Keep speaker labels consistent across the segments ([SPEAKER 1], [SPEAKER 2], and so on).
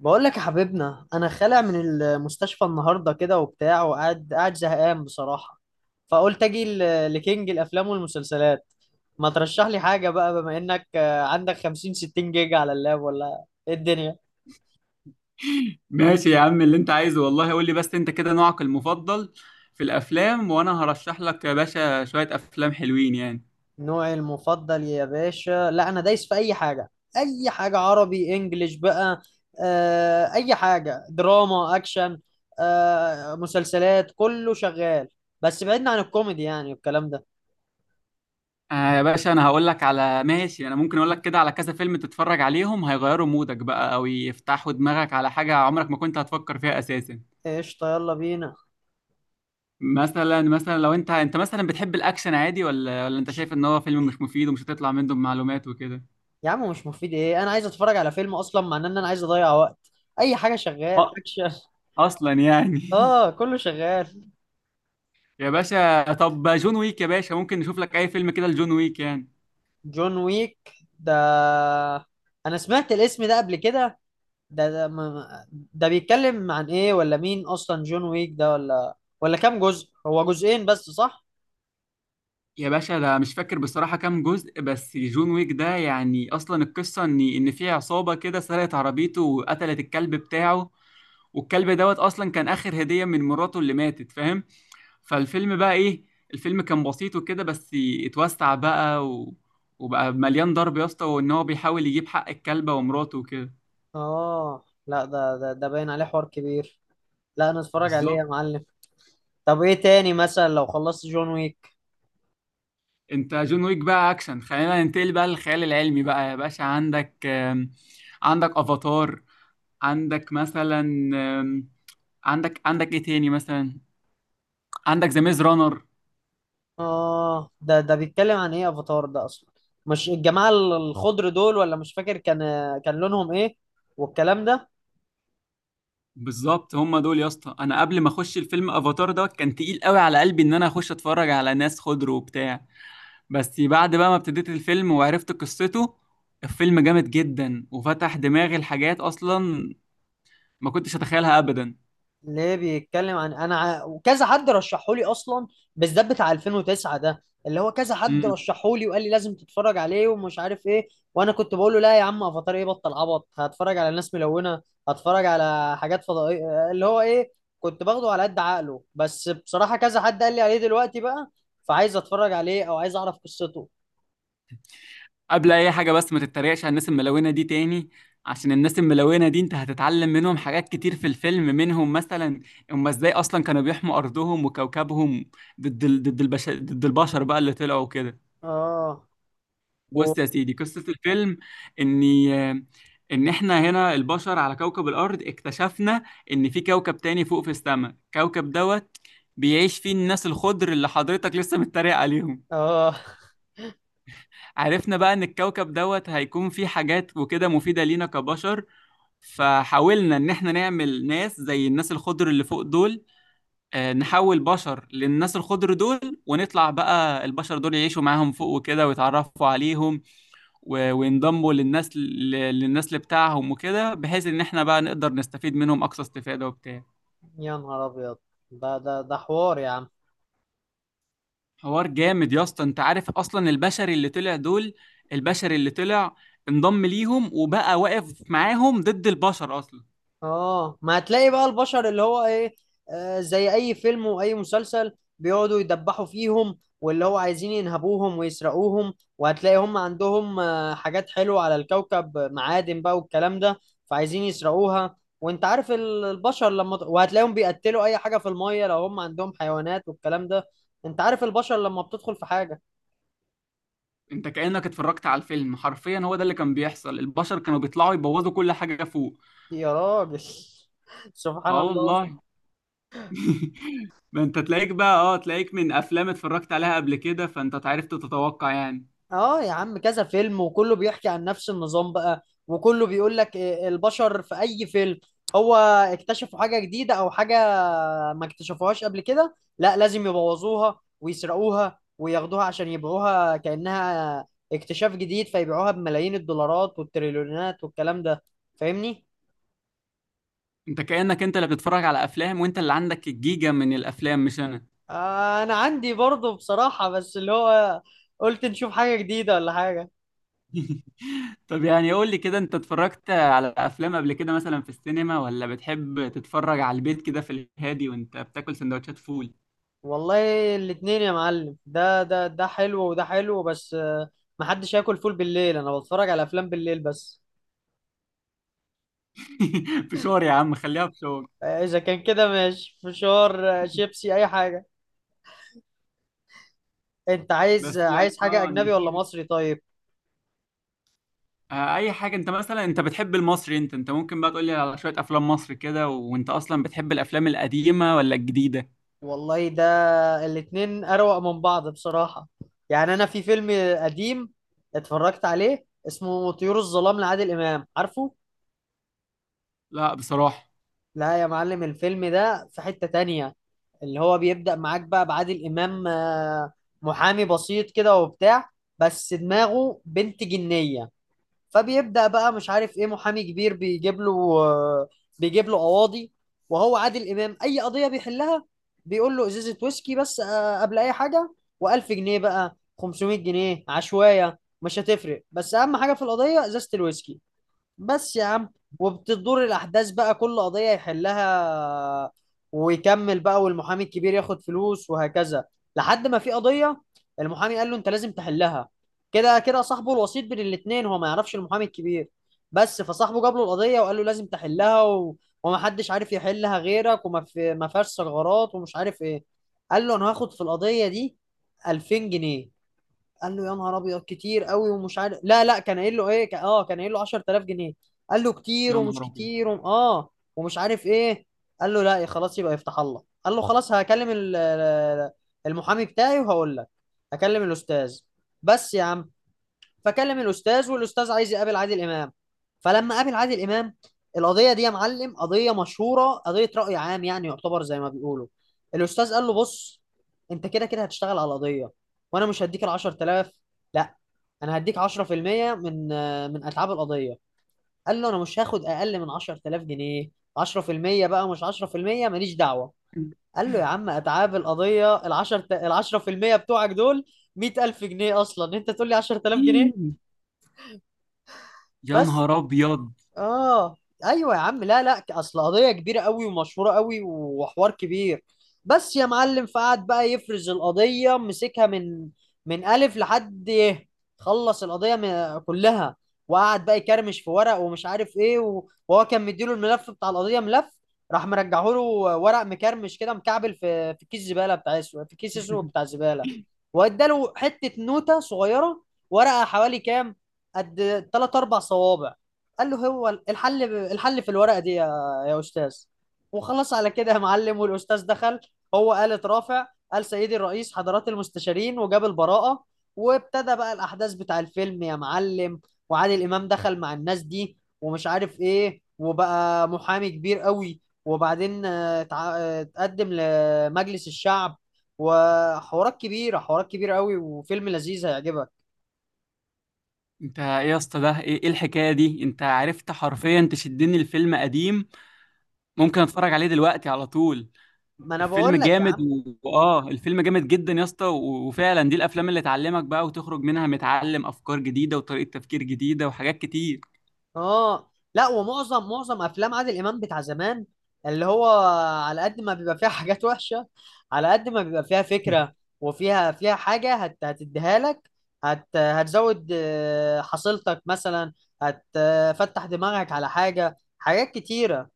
[SPEAKER 1] بقول لك يا حبيبنا انا خالع من المستشفى النهارده كده وبتاع وقاعد قاعد زهقان بصراحه. فقلت اجي لكينج الافلام والمسلسلات. ما ترشح لي حاجه بقى بما انك عندك 50 60 جيجا على اللاب ولا ايه الدنيا؟
[SPEAKER 2] ماشي يا عم اللي انت عايزه والله قول لي بس انت كده نوعك المفضل في الافلام، وانا هرشح لك يا باشا شوية افلام حلوين يعني.
[SPEAKER 1] نوعي المفضل يا باشا، لا انا دايس في اي حاجه. اي حاجه، عربي انجليش بقى. اي حاجه، دراما اكشن. مسلسلات، كله شغال. بس بعدنا عن الكوميدي يعني والكلام ده.
[SPEAKER 2] آه يا باشا انا هقول لك على ماشي، انا ممكن اقول لك كده على كذا فيلم تتفرج عليهم هيغيروا مودك بقى او يفتحوا دماغك على حاجة عمرك ما كنت هتفكر فيها اساسا.
[SPEAKER 1] قشطه، يلا بينا.
[SPEAKER 2] مثلا لو انت مثلا بتحب الاكشن عادي ولا انت شايف ان هو فيلم مش مفيد ومش هتطلع منه بمعلومات وكده؟
[SPEAKER 1] يا عم مش مفيد ايه، انا عايز اتفرج على فيلم اصلا، مع ان انا عايز اضيع وقت. اي حاجه شغال
[SPEAKER 2] أ-
[SPEAKER 1] اكشن.
[SPEAKER 2] اصلا يعني
[SPEAKER 1] اه كله شغال.
[SPEAKER 2] يا باشا طب جون ويك، يا باشا ممكن نشوف لك اي فيلم كده لجون ويك يعني.
[SPEAKER 1] جون ويك ده، انا سمعت الاسم ده قبل كده. ده ده, ما... ده بيتكلم عن ايه، ولا مين اصلا جون ويك ده، ولا كام جزء، هو جزئين بس صح؟
[SPEAKER 2] يا باشا ده مش فاكر بصراحة كام جزء، بس جون ويك ده يعني أصلا القصة إن في عصابة كده سرقت عربيته وقتلت الكلب بتاعه، والكلب دوت أصلا كان آخر هدية من مراته اللي ماتت، فاهم؟ فالفيلم بقى إيه؟ الفيلم كان بسيط وكده، بس اتوسع بقى وبقى مليان ضرب يا اسطى، وإن هو بيحاول يجيب حق الكلبة ومراته وكده.
[SPEAKER 1] اه لا، ده باين عليه حوار كبير. لا انا اتفرج عليه يا
[SPEAKER 2] بالظبط.
[SPEAKER 1] معلم. طب ايه تاني مثلا لو خلصت جون ويك؟
[SPEAKER 2] أنت جون ويك بقى أكشن، خلينا ننتقل بقى للخيال العلمي بقى يا باشا. عندك عندك أفاتار، عندك مثلا، آم، عندك ايه تاني مثلا، عندك ذا ميز رانر.
[SPEAKER 1] اه ده بيتكلم عن ايه افاتار ده اصلا؟ مش الجماعه الخضر دول؟ ولا مش فاكر، كان لونهم ايه والكلام ده.
[SPEAKER 2] بالظبط هم دول يا اسطى. انا قبل ما اخش الفيلم افاتار ده كان تقيل قوي على قلبي ان انا اخش اتفرج على ناس خضر وبتاع، بس بعد بقى ما ابتديت الفيلم وعرفت قصته، الفيلم جامد جدا وفتح دماغي لحاجات اصلا ما كنتش اتخيلها ابدا.
[SPEAKER 1] ليه بيتكلم عن انا وكذا حد رشحه لي اصلا، بالذات بتاع 2009 ده، اللي هو كذا حد رشحه لي وقال لي لازم تتفرج عليه ومش عارف ايه. وانا كنت بقول له لا يا عم، افاتار ايه، بطل عبط، هتفرج على ناس ملونه؟ هتفرج على حاجات فضائيه اللي هو ايه؟ كنت باخده على قد عقله، بس بصراحه كذا حد قال لي عليه دلوقتي بقى، فعايز اتفرج عليه او عايز اعرف قصته.
[SPEAKER 2] قبل اي حاجه بس، ما تتريقش على الناس الملونه دي تاني، عشان الناس الملونه دي انت هتتعلم منهم حاجات كتير في الفيلم. منهم مثلا هم ازاي اصلا كانوا بيحموا ارضهم وكوكبهم ضد ضد البشر بقى اللي طلعوا كده.
[SPEAKER 1] اه. و...
[SPEAKER 2] بص يا سيدي، قصه الفيلم اني ان احنا هنا البشر على كوكب الارض اكتشفنا ان في كوكب تاني فوق في السماء، كوكب دوت بيعيش فيه الناس الخضر اللي حضرتك لسه متريق عليهم.
[SPEAKER 1] اه،
[SPEAKER 2] عرفنا بقى ان الكوكب دوت هيكون فيه حاجات وكده مفيدة لينا كبشر، فحاولنا ان احنا نعمل ناس زي الناس الخضر اللي فوق دول. نحول بشر للناس الخضر دول ونطلع بقى البشر دول يعيشوا معاهم فوق وكده ويتعرفوا عليهم وينضموا للناس للنسل بتاعهم وكده، بحيث ان احنا بقى نقدر نستفيد منهم اقصى استفادة وبتاع.
[SPEAKER 1] يا نهار ابيض، ده حوار يا عم.
[SPEAKER 2] حوار جامد يا اسطى. انت عارف اصلا البشر اللي طلع دول، البشر اللي طلع انضم ليهم وبقى واقف معاهم ضد البشر اصلا.
[SPEAKER 1] اه، ما هتلاقي بقى البشر اللي هو ايه، آه زي اي فيلم واي مسلسل. بيقعدوا يدبحوا فيهم، واللي هو عايزين ينهبوهم ويسرقوهم، وهتلاقي هم عندهم حاجات حلوة على الكوكب، معادن بقى والكلام ده. فعايزين يسرقوها. وانت عارف البشر لما وهتلاقيهم بيقتلوا اي حاجة في المية لو هم عندهم حيوانات والكلام ده. انت عارف البشر لما بتدخل في حاجة.
[SPEAKER 2] انت كأنك اتفرجت على الفيلم حرفيا، هو ده اللي كان بيحصل، البشر كانوا بيطلعوا يبوظوا كل حاجة فوق.
[SPEAKER 1] يا راجل. سبحان
[SPEAKER 2] اه
[SPEAKER 1] الله.
[SPEAKER 2] والله. ما انت تلاقيك بقى، اه تلاقيك من افلام اتفرجت عليها قبل كده، فانت عرفت تتوقع يعني.
[SPEAKER 1] اه يا عم، كذا فيلم وكله بيحكي عن نفس النظام بقى، وكله بيقول لك إيه البشر في اي فيلم. هو اكتشفوا حاجة جديدة او حاجة ما اكتشفوهاش قبل كده، لا لازم يبوظوها ويسرقوها وياخدوها عشان يبيعوها كأنها اكتشاف جديد، فيبيعوها بملايين الدولارات والتريليونات والكلام ده. فاهمني؟
[SPEAKER 2] انت كأنك انت اللي بتتفرج على افلام، وانت اللي عندك الجيجا من الافلام مش انا.
[SPEAKER 1] آه انا عندي برضه بصراحة، بس اللي هو قلت نشوف حاجة جديدة ولا حاجة.
[SPEAKER 2] طب يعني قول لي كده، انت اتفرجت على افلام قبل كده مثلا في السينما، ولا بتحب تتفرج على البيت كده في الهادي وانت بتاكل سندوتشات فول؟
[SPEAKER 1] والله الاتنين يا معلم، ده حلو وده حلو، بس محدش ياكل فول بالليل، انا بتفرج على افلام بالليل بس.
[SPEAKER 2] فشار يا عم، خليها فشار.
[SPEAKER 1] اذا كان كده ماشي، فشار، شيبسي، اي حاجة. انت عايز
[SPEAKER 2] بس يعني
[SPEAKER 1] عايز حاجة
[SPEAKER 2] اه انا
[SPEAKER 1] اجنبي ولا
[SPEAKER 2] شايف،
[SPEAKER 1] مصري طيب؟
[SPEAKER 2] اي حاجه. انت مثلا انت بتحب المصري؟ انت ممكن بقى تقول لي على شويه افلام مصر كده. وانت اصلا بتحب الافلام القديمه ولا الجديده؟
[SPEAKER 1] والله ده الاتنين اروق من بعض بصراحة. يعني انا في فيلم قديم اتفرجت عليه اسمه طيور الظلام لعادل امام، عارفه؟
[SPEAKER 2] لا بصراحه.
[SPEAKER 1] لا يا معلم، الفيلم ده في حتة تانية. اللي هو بيبدأ معاك بقى بعادل إمام محامي بسيط كده وبتاع، بس دماغه بنت جنية. فبيبدأ بقى مش عارف إيه، محامي كبير بيجيب له، آه، بيجيب له قواضي، وهو عادل إمام أي قضية بيحلها بيقول له إزازة ويسكي بس، قبل أي حاجة. و1000 جنيه بقى، 500 جنيه عشوائية مش هتفرق، بس أهم حاجة في القضية إزازة الويسكي بس يا عم. وبتدور الأحداث بقى، كل قضية يحلها ويكمل بقى، والمحامي الكبير ياخد فلوس وهكذا. لحد ما في قضية، المحامي قال له أنت لازم تحلها. كده كده صاحبه الوسيط بين الاتنين، هو ما يعرفش المحامي الكبير بس، فصاحبه جاب له القضية وقال له لازم تحلها ومحدش عارف يحلها غيرك، ما فيهاش ثغرات، ومش عارف إيه. قال له أنا هاخد في القضية دي 2000 جنيه. قال له يا نهار ابيض كتير قوي، ومش عارف، لا لا كان قايل له ايه، كان قايل له 10000 جنيه. قال له كتير
[SPEAKER 2] يا
[SPEAKER 1] ومش
[SPEAKER 2] نهار ابيض.
[SPEAKER 1] كتير اه ومش عارف ايه. قال له لا يا خلاص يبقى يفتح الله. قال له خلاص هكلم المحامي بتاعي وهقول لك، هكلم الاستاذ بس يا عم. فكلم الاستاذ، والاستاذ عايز يقابل عادل امام. فلما قابل عادل امام، القضيه دي يا معلم قضيه مشهوره، قضيه راي عام يعني، يعتبر زي ما بيقولوا. الاستاذ قال له بص، انت كده كده هتشتغل على القضيه، وانا مش هديك ال 10000، لا انا هديك 10% من اتعاب القضيه. قال له انا مش هاخد اقل من 10000 جنيه، 10% بقى مش 10%، ماليش دعوه. قال له يا عم، اتعاب القضيه ال 10 ال 10% بتوعك دول 100000 جنيه اصلا، انت تقول لي 10000 جنيه
[SPEAKER 2] يا
[SPEAKER 1] بس؟
[SPEAKER 2] نهار ابيض.
[SPEAKER 1] اه ايوه يا عم، لا لا اصل قضيه كبيره قوي ومشهوره قوي وحوار كبير بس يا معلم. فقعد بقى يفرز القضيه، مسكها من الف لحد يه. خلص القضيه كلها، وقعد بقى يكرمش في ورق ومش عارف ايه، وهو كان مديله الملف بتاع القضيه ملف، راح مرجعه له ورق مكرمش كده مكعبل في كيس زباله بتاع اسود، في كيس اسود بتاع زباله. واداله حته نوته صغيره، ورقه حوالي كام، قد 3 4 صوابع. قال له هو الحل، الحل في الورقه دي يا استاذ. وخلص على كده يا معلم، والاستاذ دخل هو قال اترافع، قال سيدي الرئيس حضرات المستشارين، وجاب البراءه. وابتدى بقى الاحداث بتاع الفيلم يا معلم، وعادل امام دخل مع الناس دي ومش عارف ايه، وبقى محامي كبير قوي، وبعدين اتقدم لمجلس الشعب. وحوارات كبيره، حوارات كبيره قوي، وفيلم لذيذ هيعجبك.
[SPEAKER 2] انت ايه يا اسطى، ده ايه إيه الحكايه دي؟ انت عرفت حرفيا تشدني، الفيلم قديم ممكن اتفرج عليه دلوقتي على طول.
[SPEAKER 1] ما انا
[SPEAKER 2] الفيلم
[SPEAKER 1] بقول لك يا
[SPEAKER 2] جامد
[SPEAKER 1] عم.
[SPEAKER 2] واه، الفيلم جامد جدا يا اسطى، وفعلا دي الافلام اللي تعلمك بقى وتخرج منها متعلم افكار جديده وطريقه تفكير جديده وحاجات كتير.
[SPEAKER 1] اه لا، ومعظم افلام عادل امام بتاع زمان، اللي هو على قد ما بيبقى فيها حاجات وحشه، على قد ما بيبقى فيها فكره، وفيها حاجه، هتديها لك، هتزود حصيلتك مثلا، هتفتح دماغك على حاجه، حاجات كتيره.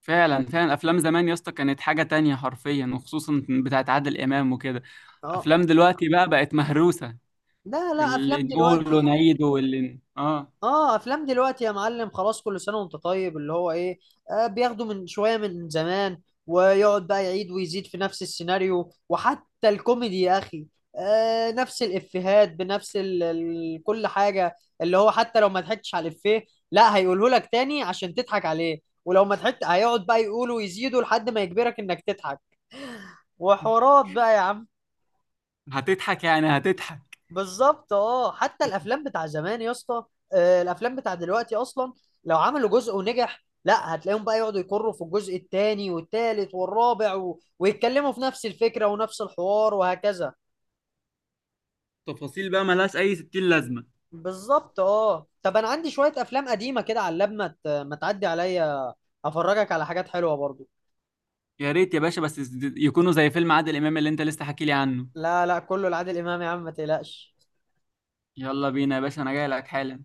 [SPEAKER 2] فعلا فعلا افلام زمان يا اسطى كانت حاجه تانية حرفيا، وخصوصا بتاعت عادل امام وكده.
[SPEAKER 1] اه
[SPEAKER 2] افلام دلوقتي بقى بقت مهروسه،
[SPEAKER 1] لا،
[SPEAKER 2] اللي
[SPEAKER 1] افلام
[SPEAKER 2] نقوله
[SPEAKER 1] دلوقتي.
[SPEAKER 2] نعيده واللي اه،
[SPEAKER 1] اه افلام دلوقتي يا معلم خلاص، كل سنه وانت طيب اللي هو ايه. آه بياخدوا من شويه من زمان، ويقعد بقى يعيد ويزيد في نفس السيناريو، وحتى الكوميدي يا اخي آه نفس الافيهات بنفس ال كل حاجه، اللي هو حتى لو ما ضحكتش على الافيه، لا هيقوله لك تاني عشان تضحك عليه، ولو ما ضحكت هيقعد بقى يقوله ويزيده لحد ما يجبرك انك تضحك، وحوارات بقى يا عم.
[SPEAKER 2] هتضحك يعني هتضحك،
[SPEAKER 1] بالظبط اه، حتى الافلام بتاع زمان يا اسطى، الافلام بتاع دلوقتي اصلا لو عملوا جزء ونجح، لا هتلاقيهم بقى يقعدوا يكروا في الجزء الثاني والثالث والرابع ويتكلموا في نفس الفكرة ونفس الحوار وهكذا.
[SPEAKER 2] تفاصيل بقى ملهاش اي ستين لازمه.
[SPEAKER 1] بالظبط اه، طب انا عندي شوية افلام قديمة كده على اللاب، ما تعدي عليا افرجك على حاجات حلوة برضو.
[SPEAKER 2] يا ريت يا باشا، بس يكونوا زي فيلم عادل امام اللي انت لسه حكي لي عنه.
[SPEAKER 1] لا لا كله لعادل امام يا عم ما تقلقش.
[SPEAKER 2] يلا بينا يا باشا، انا جاي لك حالا.